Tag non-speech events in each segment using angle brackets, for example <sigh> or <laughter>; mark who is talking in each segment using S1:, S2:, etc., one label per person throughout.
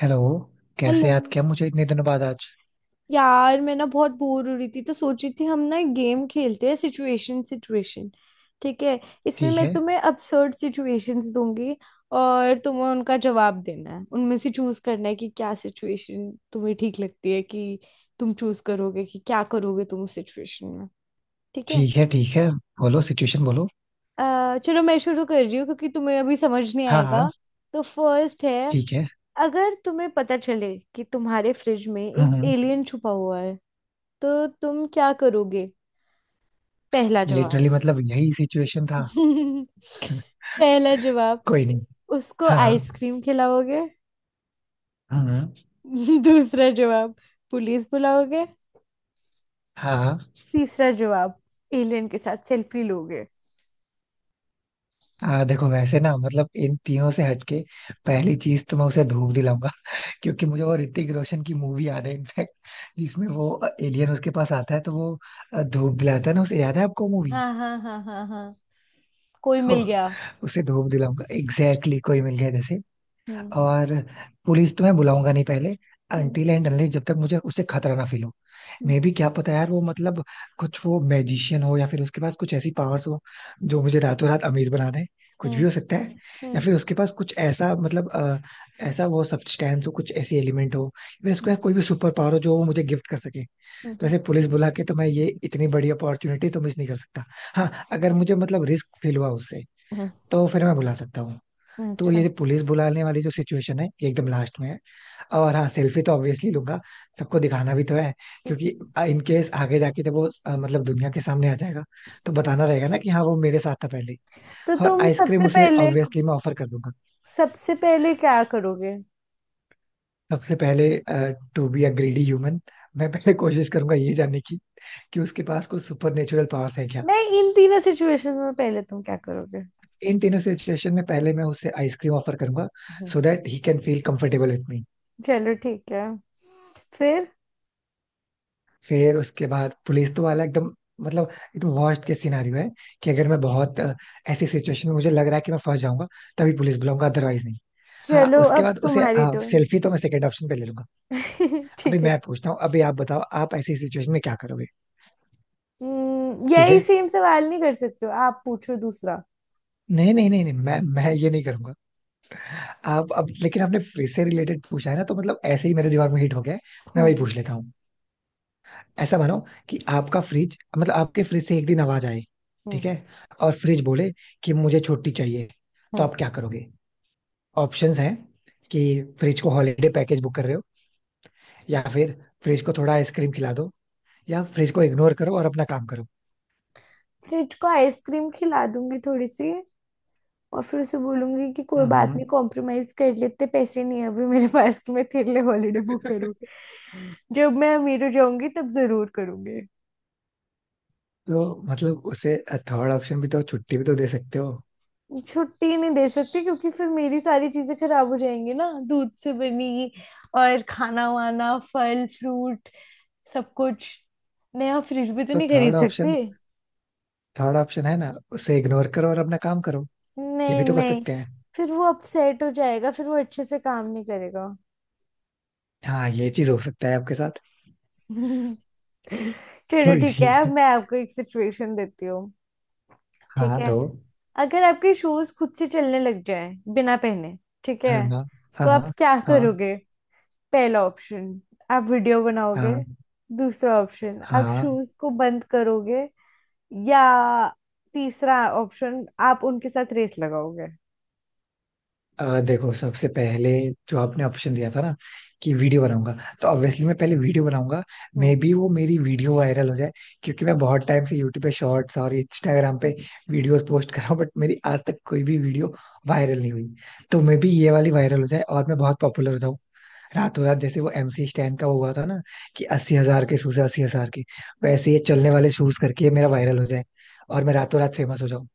S1: Hello.
S2: Hello.
S1: कैसे याद किया मुझे इतने दिनों बाद आज?
S2: यार, मैं ना बहुत बोर हो रही थी तो सोची थी हम ना गेम खेलते हैं, सिचुएशन सिचुएशन। ठीक है। इसमें
S1: ठीक
S2: मैं
S1: है,
S2: तुम्हें अबसर्ड सिचुएशंस दूंगी और तुम्हें उनका जवाब देना है, उनमें से चूज करना है कि क्या सिचुएशन तुम्हें ठीक लगती है, कि तुम चूज करोगे कि क्या करोगे तुम उस सिचुएशन में। ठीक है।
S1: ठीक है। ठीक है, बोलो, सिचुएशन बोलो।
S2: चलो, मैं शुरू कर रही हूँ क्योंकि तुम्हें अभी समझ नहीं
S1: हाँ
S2: आएगा।
S1: हाँ।
S2: तो फर्स्ट है।
S1: ठीक है।
S2: अगर तुम्हें पता चले कि तुम्हारे फ्रिज में एक
S1: हम्म हम्म।
S2: एलियन छुपा हुआ है तो तुम क्या करोगे? पहला जवाब।
S1: लिटरली मतलब यही सिचुएशन था।
S2: <laughs> पहला जवाब।
S1: कोई नहीं।
S2: उसको
S1: हाँ हाँ।
S2: आइसक्रीम खिलाओगे?
S1: हम्म।
S2: <laughs> दूसरा जवाब। पुलिस बुलाओगे?
S1: हाँ हाँ।
S2: तीसरा जवाब। एलियन के साथ सेल्फी लोगे?
S1: देखो वैसे ना मतलब इन तीनों से हटके पहली चीज तो मैं उसे धूप दिलाऊंगा <laughs> क्योंकि मुझे वो ऋतिक रोशन की मूवी याद है इनफैक्ट, जिसमें वो एलियन उसके पास आता है तो वो धूप दिलाता है ना उसे, याद है आपको मूवी?
S2: हाँ हाँ हाँ हाँ हाँ, कोई
S1: तो
S2: मिल गया।
S1: <laughs> उसे धूप दिलाऊंगा एग्जैक्टली exactly, कोई मिल गया जैसे।
S2: हम्म,
S1: और पुलिस तो मैं बुलाऊंगा नहीं पहले,
S2: हम्म,
S1: अनटिल एंड अनलेस जब तक मुझे उससे खतरा ना फील हो।
S2: हम्म,
S1: मे भी क्या पता यार वो मतलब कुछ वो मैजिशियन हो या फिर उसके पास कुछ ऐसी पावर्स हो जो मुझे रातों रात अमीर बना दे, कुछ भी हो सकता है। या
S2: हम्म,
S1: फिर उसके पास कुछ ऐसा मतलब ऐसा वो सब्सटेंस हो, कुछ ऐसी एलिमेंट हो या फिर उसके
S2: हम्म,
S1: पास कोई भी सुपर पावर हो जो वो मुझे गिफ्ट कर सके। तो
S2: हम्म,
S1: ऐसे पुलिस बुला के तो मैं ये इतनी बड़ी अपॉर्चुनिटी तो मिस नहीं कर सकता। हाँ, अगर मुझे मतलब रिस्क फील हुआ उससे
S2: हम्म,
S1: तो फिर मैं बुला सकता हूँ। तो
S2: अच्छा।
S1: ये पुलिस बुलाने वाली जो सिचुएशन है ये एकदम लास्ट में है। और हाँ, सेल्फी तो ऑब्वियसली लूंगा, सबको दिखाना भी तो है, क्योंकि इन केस आगे जाके जब वो मतलब दुनिया के सामने आ जाएगा तो बताना रहेगा ना कि हाँ वो मेरे साथ था पहले।
S2: तो
S1: और
S2: तुम
S1: आइसक्रीम उसे ऑब्वियसली मैं ऑफर कर दूंगा।
S2: सबसे पहले क्या करोगे?
S1: सबसे पहले, to be a greedy human, मैं पहले कोशिश करूंगा ये जानने की कि उसके पास कुछ सुपर नेचुरल पावर्स है क्या।
S2: नहीं, इन तीनों सिचुएशंस में पहले तुम क्या करोगे?
S1: इन तीनों सिचुएशन में पहले मैं उसे आइसक्रीम ऑफर करूंगा, so that he can feel comfortable with me.
S2: चलो ठीक है। फिर?
S1: फिर उसके बाद पुलिस तो वाला एकदम मतलब एकदम वर्स्ट केस सिनारियो है, कि अगर मैं बहुत ऐसी सिचुएशन में मुझे लग रहा है कि मैं फंस जाऊंगा तभी पुलिस बुलाऊंगा, अदरवाइज नहीं। हाँ,
S2: चलो
S1: उसके
S2: अब
S1: बाद उसे
S2: तुम्हारी टर्न।
S1: सेल्फी तो मैं सेकंड ऑप्शन पे ले लूंगा।
S2: <laughs>
S1: अभी
S2: ठीक है।
S1: मैं पूछता हूँ, अभी आप बताओ, आप ऐसी सिचुएशन में क्या करोगे? ठीक
S2: यही
S1: है।
S2: सेम सवाल नहीं कर सकते हो, आप पूछो दूसरा।
S1: नहीं नहीं नहीं नहीं, मैं ये नहीं करूंगा। आप अब लेकिन आपने फ्रिज से रिलेटेड पूछा है ना तो मतलब ऐसे ही मेरे दिमाग में हिट हो गया है, मैं वही
S2: हम्म,
S1: पूछ लेता हूँ। ऐसा मानो कि आपका फ्रिज मतलब आपके फ्रिज से एक दिन आवाज आए।
S2: हम्म,
S1: ठीक है। और फ्रिज बोले कि मुझे छुट्टी चाहिए, तो
S2: हम्म।
S1: आप क्या करोगे? ऑप्शंस हैं कि फ्रिज को हॉलीडे पैकेज बुक कर रहे हो या फिर फ्रिज को थोड़ा आइसक्रीम खिला दो या फ्रिज को इग्नोर करो और अपना काम करो।
S2: फ्रिज को आइसक्रीम खिला दूंगी थोड़ी सी, और फिर उसे बोलूंगी कि कोई बात
S1: हम्म।
S2: नहीं, कॉम्प्रोमाइज कर लेते, पैसे नहीं है अभी मेरे पास कि मैं तेरे लिए हॉलीडे बुक
S1: <laughs>
S2: करूँ। जब मैं अमीर हो जाऊंगी तब जरूर करूंगी।
S1: तो मतलब उसे थर्ड ऑप्शन भी तो छुट्टी भी तो दे सकते हो।
S2: छुट्टी नहीं दे सकती क्योंकि फिर मेरी सारी चीजें खराब हो जाएंगी ना, दूध से बनी, और खाना वाना, फल फ्रूट, सब कुछ। नया फ्रिज भी तो
S1: तो
S2: नहीं
S1: थर्ड
S2: खरीद
S1: ऑप्शन,
S2: सकती।
S1: थर्ड ऑप्शन है ना उसे इग्नोर करो और अपना काम करो, ये भी
S2: नहीं
S1: तो कर
S2: नहीं,
S1: सकते हैं।
S2: फिर वो अपसेट हो जाएगा, फिर वो अच्छे से काम नहीं करेगा।
S1: हाँ, ये चीज हो सकता है आपके साथ।
S2: <laughs> चलो
S1: कोई
S2: ठीक है, अब
S1: नहीं,
S2: मैं आपको एक सिचुएशन देती हूँ। ठीक
S1: हाँ
S2: है।
S1: दो।
S2: अगर आपके शूज खुद से चलने लग जाए बिना पहने, ठीक है,
S1: है ना? हाँ
S2: तो आप
S1: हाँ
S2: क्या
S1: हाँ
S2: करोगे? पहला ऑप्शन, आप वीडियो बनाओगे।
S1: हाँ
S2: दूसरा ऑप्शन, आप
S1: हाँ।
S2: शूज को बंद करोगे। या तीसरा ऑप्शन, आप उनके साथ रेस लगाओगे।
S1: देखो, सबसे पहले जो आपने ऑप्शन दिया था ना कि वीडियो बनाऊंगा, तो ऑब्वियसली मैं पहले वीडियो बनाऊंगा।
S2: हम्म।
S1: मे बी वो मेरी वीडियो वायरल हो जाए, क्योंकि मैं बहुत टाइम से यूट्यूब पे शॉर्ट्स और इंस्टाग्राम पे वीडियोस पोस्ट कर रहा हूँ बट मेरी आज तक कोई भी वीडियो वायरल नहीं हुई। तो मे बी ये वाली वायरल हो जाए और मैं बहुत पॉपुलर हो जाऊँ रातों रात, जैसे वो एमसी स्टैन का हुआ था ना कि 80,000 के शूज है, 80,000 के। वैसे ये चलने वाले शूज करके ये मेरा वायरल हो जाए और मैं रातों रात फेमस हो जाऊँ।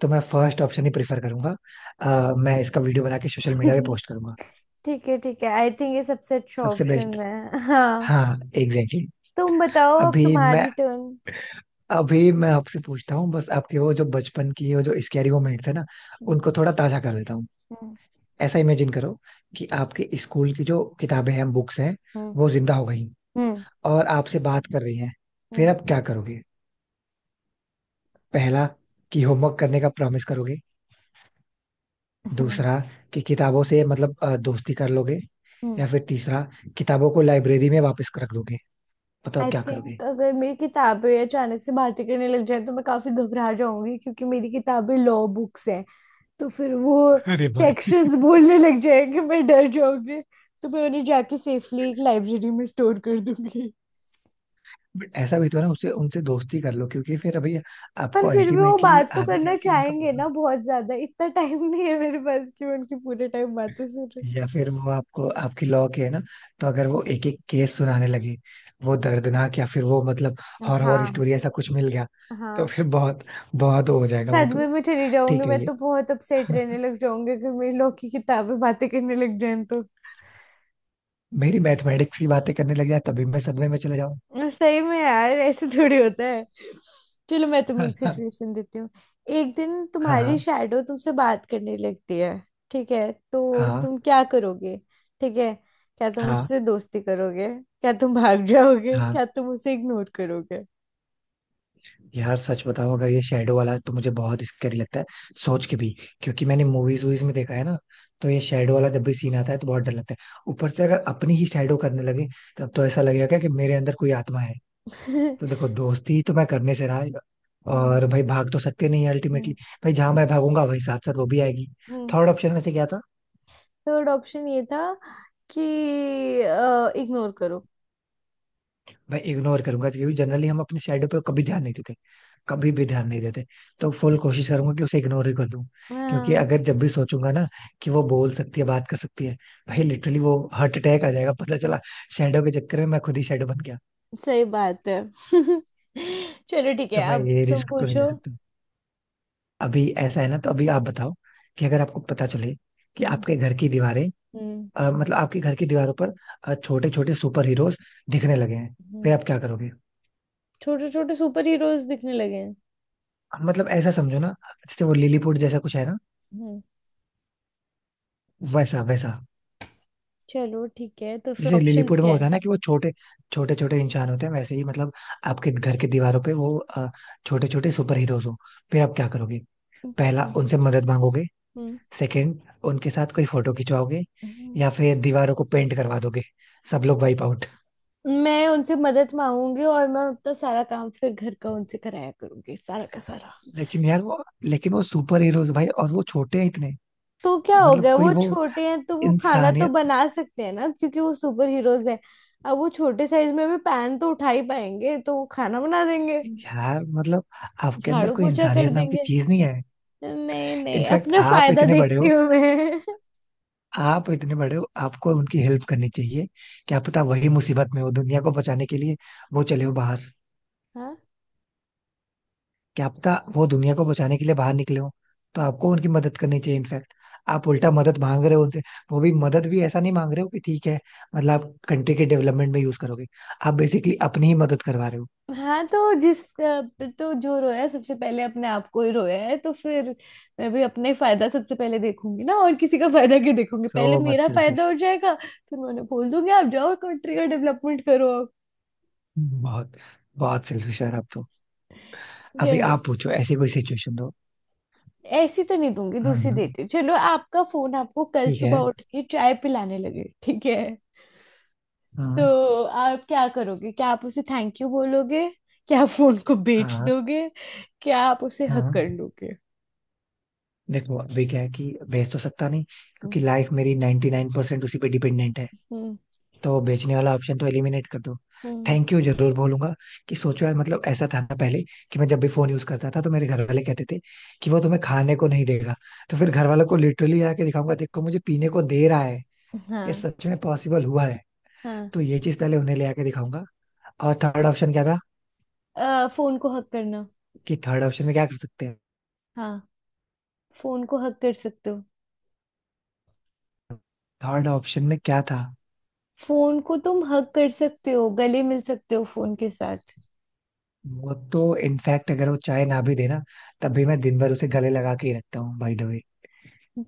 S1: तो मैं फर्स्ट ऑप्शन ही प्रेफर करूंगा, मैं इसका वीडियो बना के सोशल मीडिया पे
S2: <laughs>
S1: पोस्ट करूंगा।
S2: ठीक है ठीक है, आई थिंक ये सबसे अच्छा
S1: सबसे बेस्ट।
S2: ऑप्शन है, हाँ।
S1: हाँ, एग्जैक्टली exactly.
S2: तुम बताओ, अब
S1: अभी मैं
S2: तुम्हारी टर्न।
S1: अभी मैं आपसे पूछता हूँ बस, आपके वो जो बचपन की वो जो स्कैरी मोमेंट्स है ना उनको थोड़ा ताजा कर देता हूँ।
S2: हम्म,
S1: ऐसा इमेजिन करो कि आपके स्कूल की जो किताबें हैं, बुक्स हैं,
S2: हम्म,
S1: वो जिंदा हो गई
S2: हम्म,
S1: और आपसे बात कर रही हैं, फिर
S2: हम्म,
S1: आप क्या करोगे? पहला कि होमवर्क करने का प्रॉमिस करोगे,
S2: हम्म,
S1: दूसरा कि किताबों से मतलब दोस्ती कर लोगे,
S2: हम्म।
S1: या फिर तीसरा किताबों को लाइब्रेरी में वापस रख दोगे। बताओ
S2: आई
S1: क्या करोगे?
S2: थिंक अगर मेरी किताबें अचानक से बातें करने लग जाए तो मैं काफी घबरा जाऊंगी क्योंकि मेरी किताबें लॉ बुक्स हैं। तो फिर वो
S1: अरे भाई!
S2: सेक्शंस बोलने लग जाएंगे, मैं डर जाऊंगी। तो मैं उन्हें जाके सेफली एक लाइब्रेरी में स्टोर कर दूंगी।
S1: बट ऐसा भी तो है ना उससे उनसे दोस्ती कर लो क्योंकि फिर अभी
S2: पर
S1: आपको
S2: फिर भी वो
S1: अल्टीमेटली
S2: बात तो
S1: आगे
S2: करना
S1: चल के उनका
S2: चाहेंगे ना
S1: मतलब,
S2: बहुत ज्यादा, इतना टाइम नहीं है मेरे पास कि मैं उनकी पूरे टाइम बातें सुनूं।
S1: या फिर वो आपको आपकी लॉ के है ना, तो अगर वो एक एक केस सुनाने लगे, वो दर्दनाक या फिर वो मतलब हॉरर
S2: हाँ।
S1: स्टोरी ऐसा कुछ मिल गया तो
S2: हाँ,
S1: फिर बहुत बहुत हो जाएगा वो
S2: सदमे
S1: तो।
S2: में चली जाऊंगी
S1: ठीक है,
S2: मैं
S1: ये
S2: तो, बहुत अपसेट रहने लग जाऊंगी अगर मेरी लोग की किताबें बातें करने लग जाए तो।
S1: मेरी मैथमेटिक्स की बातें करने लग जाए तभी मैं सदमे में चले जाऊँ।
S2: सही में यार, ऐसे थोड़ी होता है। चलो, मैं तुम्हें एक
S1: <laughs> हाँ
S2: सिचुएशन देती हूँ। एक दिन तुम्हारी
S1: हाँ
S2: शैडो तुमसे बात करने लगती है, ठीक है, तो
S1: हाँ
S2: तुम क्या करोगे? ठीक है। क्या तुम
S1: हाँ
S2: उससे दोस्ती करोगे, क्या तुम भाग जाओगे,
S1: हाँ।
S2: क्या तुम उसे इग्नोर करोगे?
S1: यार सच बताओ, अगर ये शेडो वाला तो मुझे बहुत स्कैरी लगता है सोच के भी, क्योंकि मैंने मूवीज वूवीज में देखा है ना, तो ये शेडो वाला जब भी सीन आता है तो बहुत डर लगता है, ऊपर से अगर अपनी ही शेडो करने लगे तब तो ऐसा लगेगा क्या कि मेरे अंदर कोई आत्मा है। तो
S2: <laughs>
S1: देखो दोस्ती तो मैं करने से रहा है,
S2: हम्म,
S1: और भाई भाग तो सकते नहीं अल्टीमेटली।
S2: हम्म,
S1: भाई जहां मैं भागूंगा वही साथ साथ वो भी आएगी।
S2: हम्म।
S1: थर्ड ऑप्शन में से क्या था?
S2: थर्ड ऑप्शन ये था कि इग्नोर करो।
S1: मैं इग्नोर करूंगा, क्योंकि जनरली हम अपने शैडो पे कभी ध्यान नहीं देते, कभी भी ध्यान नहीं देते। तो फुल कोशिश करूंगा कि उसे इग्नोर ही कर दूं, क्योंकि
S2: हाँ,
S1: अगर जब भी सोचूंगा ना कि वो बोल सकती है बात कर सकती है, भाई लिटरली वो हार्ट अटैक आ जाएगा पता चला। शैडो के चक्कर में मैं खुद ही शैडो बन गया।
S2: सही बात है। <laughs> चलो ठीक है,
S1: तो मैं
S2: अब
S1: ये
S2: तुम
S1: रिस्क तो नहीं
S2: पूछो।
S1: ले सकता। अभी ऐसा है ना, तो अभी आप बताओ कि अगर आपको पता चले कि
S2: हम्म,
S1: आपके घर की दीवारें
S2: हम्म,
S1: मतलब आपके घर की दीवारों पर छोटे छोटे सुपर हीरोज दिखने लगे हैं, फिर
S2: हम्म।
S1: आप क्या करोगे?
S2: छोटे छोटे सुपर हीरोज दिखने लगे हैं?
S1: मतलब ऐसा समझो ना, जैसे वो लिलीपुट जैसा कुछ है ना,
S2: हम्म।
S1: वैसा वैसा।
S2: चलो ठीक है, तो फिर
S1: जैसे
S2: ऑप्शंस
S1: लिलीपुट में
S2: क्या
S1: होता
S2: है?
S1: है ना कि वो छोटे छोटे छोटे इंसान होते हैं वैसे ही मतलब आपके घर की दीवारों पे वो छोटे छोटे सुपर हीरोज हो, फिर आप क्या करोगे? पहला
S2: हम्म,
S1: उनसे मदद मांगोगे,
S2: हम्म,
S1: सेकंड उनके साथ कोई फोटो खिंचवाओगे,
S2: हम्म।
S1: या फिर दीवारों को पेंट करवा दोगे, सब लोग वाइप आउट।
S2: मैं उनसे मदद मांगूंगी, और मैं अपना सारा काम फिर घर का उनसे कराया करूंगी, सारा का सारा।
S1: लेकिन यार वो, लेकिन वो सुपर हीरोज भाई और वो छोटे हैं इतने,
S2: तो क्या हो
S1: मतलब
S2: गया
S1: कोई
S2: वो
S1: वो
S2: छोटे हैं, तो वो खाना तो
S1: इंसानियत।
S2: बना सकते हैं ना, क्योंकि वो सुपर हीरोज हैं। अब वो छोटे साइज में भी पैन तो उठा ही पाएंगे, तो वो खाना बना देंगे।
S1: यार मतलब आपके अंदर
S2: झाड़ू
S1: कोई
S2: पोछा कर
S1: इंसानियत नाम की
S2: देंगे।
S1: चीज नहीं है।
S2: नहीं नहीं,
S1: इनफैक्ट
S2: अपना
S1: आप
S2: फायदा
S1: इतने बड़े
S2: देखती
S1: हो,
S2: हूँ मैं।
S1: आप इतने बड़े हो, आपको उनकी हेल्प करनी चाहिए। क्या पता वही मुसीबत में हो, दुनिया को बचाने के लिए वो चले हो बाहर।
S2: <laughs>
S1: क्या पता वो दुनिया को बचाने के लिए बाहर निकले हो, तो आपको उनकी मदद करनी चाहिए इनफैक्ट। आप उल्टा मदद मांग रहे हो उनसे, वो भी मदद भी ऐसा नहीं मांग रहे हो कि ठीक है, मतलब आप कंट्री के डेवलपमेंट में यूज करोगे। आप बेसिकली अपनी ही मदद करवा रहे हो।
S2: हाँ, तो जिस तो जो रोया सबसे पहले अपने आप को ही रोया है, तो फिर मैं भी अपने फायदा सबसे पहले देखूंगी ना, और किसी का फायदा क्यों देखूंगी,
S1: सो
S2: पहले
S1: मच
S2: मेरा फायदा
S1: सेल्फिश,
S2: हो जाएगा, फिर मैं उन्हें बोल दूंगी आप जाओ कंट्री का डेवलपमेंट करो।
S1: बहुत बहुत सेल्फिश यार आप तो। अभी
S2: चलो।
S1: आप पूछो ऐसी कोई सिचुएशन दो।
S2: ऐसी तो नहीं दूंगी, दूसरी
S1: हम्म,
S2: देती हूँ। चलो, आपका फोन आपको कल
S1: ठीक है।
S2: सुबह उठ के चाय पिलाने लगे, ठीक है,
S1: हाँ
S2: तो आप क्या करोगे? क्या आप उसे थैंक यू बोलोगे, क्या आप फोन को बेच
S1: हाँ
S2: दोगे, क्या आप उसे हक
S1: हाँ।
S2: कर लोगे?
S1: देखो अभी क्या है कि बेच तो सकता नहीं
S2: हम्म,
S1: क्योंकि लाइफ मेरी 99% उसी पे डिपेंडेंट है,
S2: हम्म,
S1: तो बेचने वाला ऑप्शन तो एलिमिनेट कर दो।
S2: हम्म,
S1: थैंक यू जरूर बोलूंगा, कि सोचो यार मतलब ऐसा था ना पहले कि मैं जब भी फोन यूज करता था तो मेरे घर वाले कहते थे कि वो तुम्हें खाने को नहीं देगा। तो फिर घर वालों को लिटरली आके दिखाऊंगा, देखो मुझे पीने को दे रहा है, ये
S2: हाँ।
S1: सच में पॉसिबल हुआ है।
S2: हाँ।
S1: तो ये चीज पहले उन्हें ले आके दिखाऊंगा। और थर्ड ऑप्शन क्या था?
S2: फोन को हक करना,
S1: कि थर्ड ऑप्शन में क्या कर सकते हैं?
S2: हाँ, फोन को हक कर सकते हो।
S1: थर्ड ऑप्शन में क्या था?
S2: फोन को तुम हक कर सकते हो, गले मिल सकते हो फोन के साथ।
S1: वो तो इनफैक्ट अगर वो चाय ना भी देना तब भी मैं दिन भर उसे गले लगा के ही रखता हूँ बाय द वे।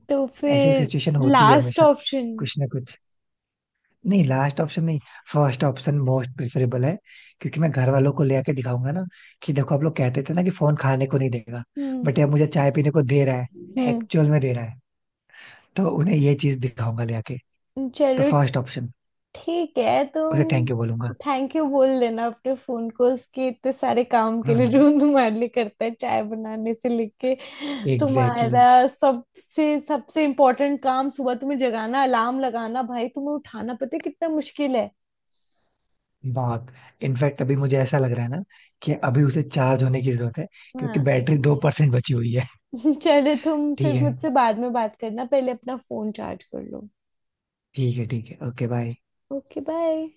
S2: तो
S1: ऐसी
S2: फिर
S1: सिचुएशन होती है
S2: लास्ट
S1: हमेशा
S2: ऑप्शन।
S1: कुछ ना कुछ। नहीं, लास्ट ऑप्शन नहीं, फर्स्ट ऑप्शन मोस्ट प्रेफरेबल है, क्योंकि मैं घर वालों को ले आके दिखाऊंगा ना कि देखो आप लोग कहते थे ना कि फोन खाने को नहीं देगा
S2: हम्म,
S1: बट ये मुझे चाय पीने को दे रहा है,
S2: हम्म।
S1: एक्चुअल में दे रहा है। तो उन्हें ये चीज दिखाऊंगा ले आके। तो
S2: चलो
S1: फर्स्ट ऑप्शन,
S2: ठीक है,
S1: उसे
S2: तुम
S1: थैंक यू बोलूंगा।
S2: थैंक यू बोल देना अपने फोन को, उसके इतने सारे काम
S1: <laughs>
S2: के लिए जो
S1: हम्म,
S2: तुम्हारे लिए करता है, चाय बनाने से लेके
S1: एग्जैक्टली।
S2: तुम्हारा सबसे सबसे इम्पोर्टेंट काम, सुबह तुम्हें जगाना, अलार्म लगाना, भाई तुम्हें उठाना पता है कितना मुश्किल है।
S1: बहुत। इनफैक्ट अभी मुझे ऐसा लग रहा है ना कि अभी उसे चार्ज होने की जरूरत है, क्योंकि
S2: हाँ।
S1: बैटरी 2% बची हुई है।
S2: <laughs> चलो, तुम फिर
S1: ठीक है,
S2: मुझसे बाद में बात करना, पहले अपना फोन चार्ज कर लो।
S1: ठीक है, ठीक है। Okay bye.
S2: Okay, bye.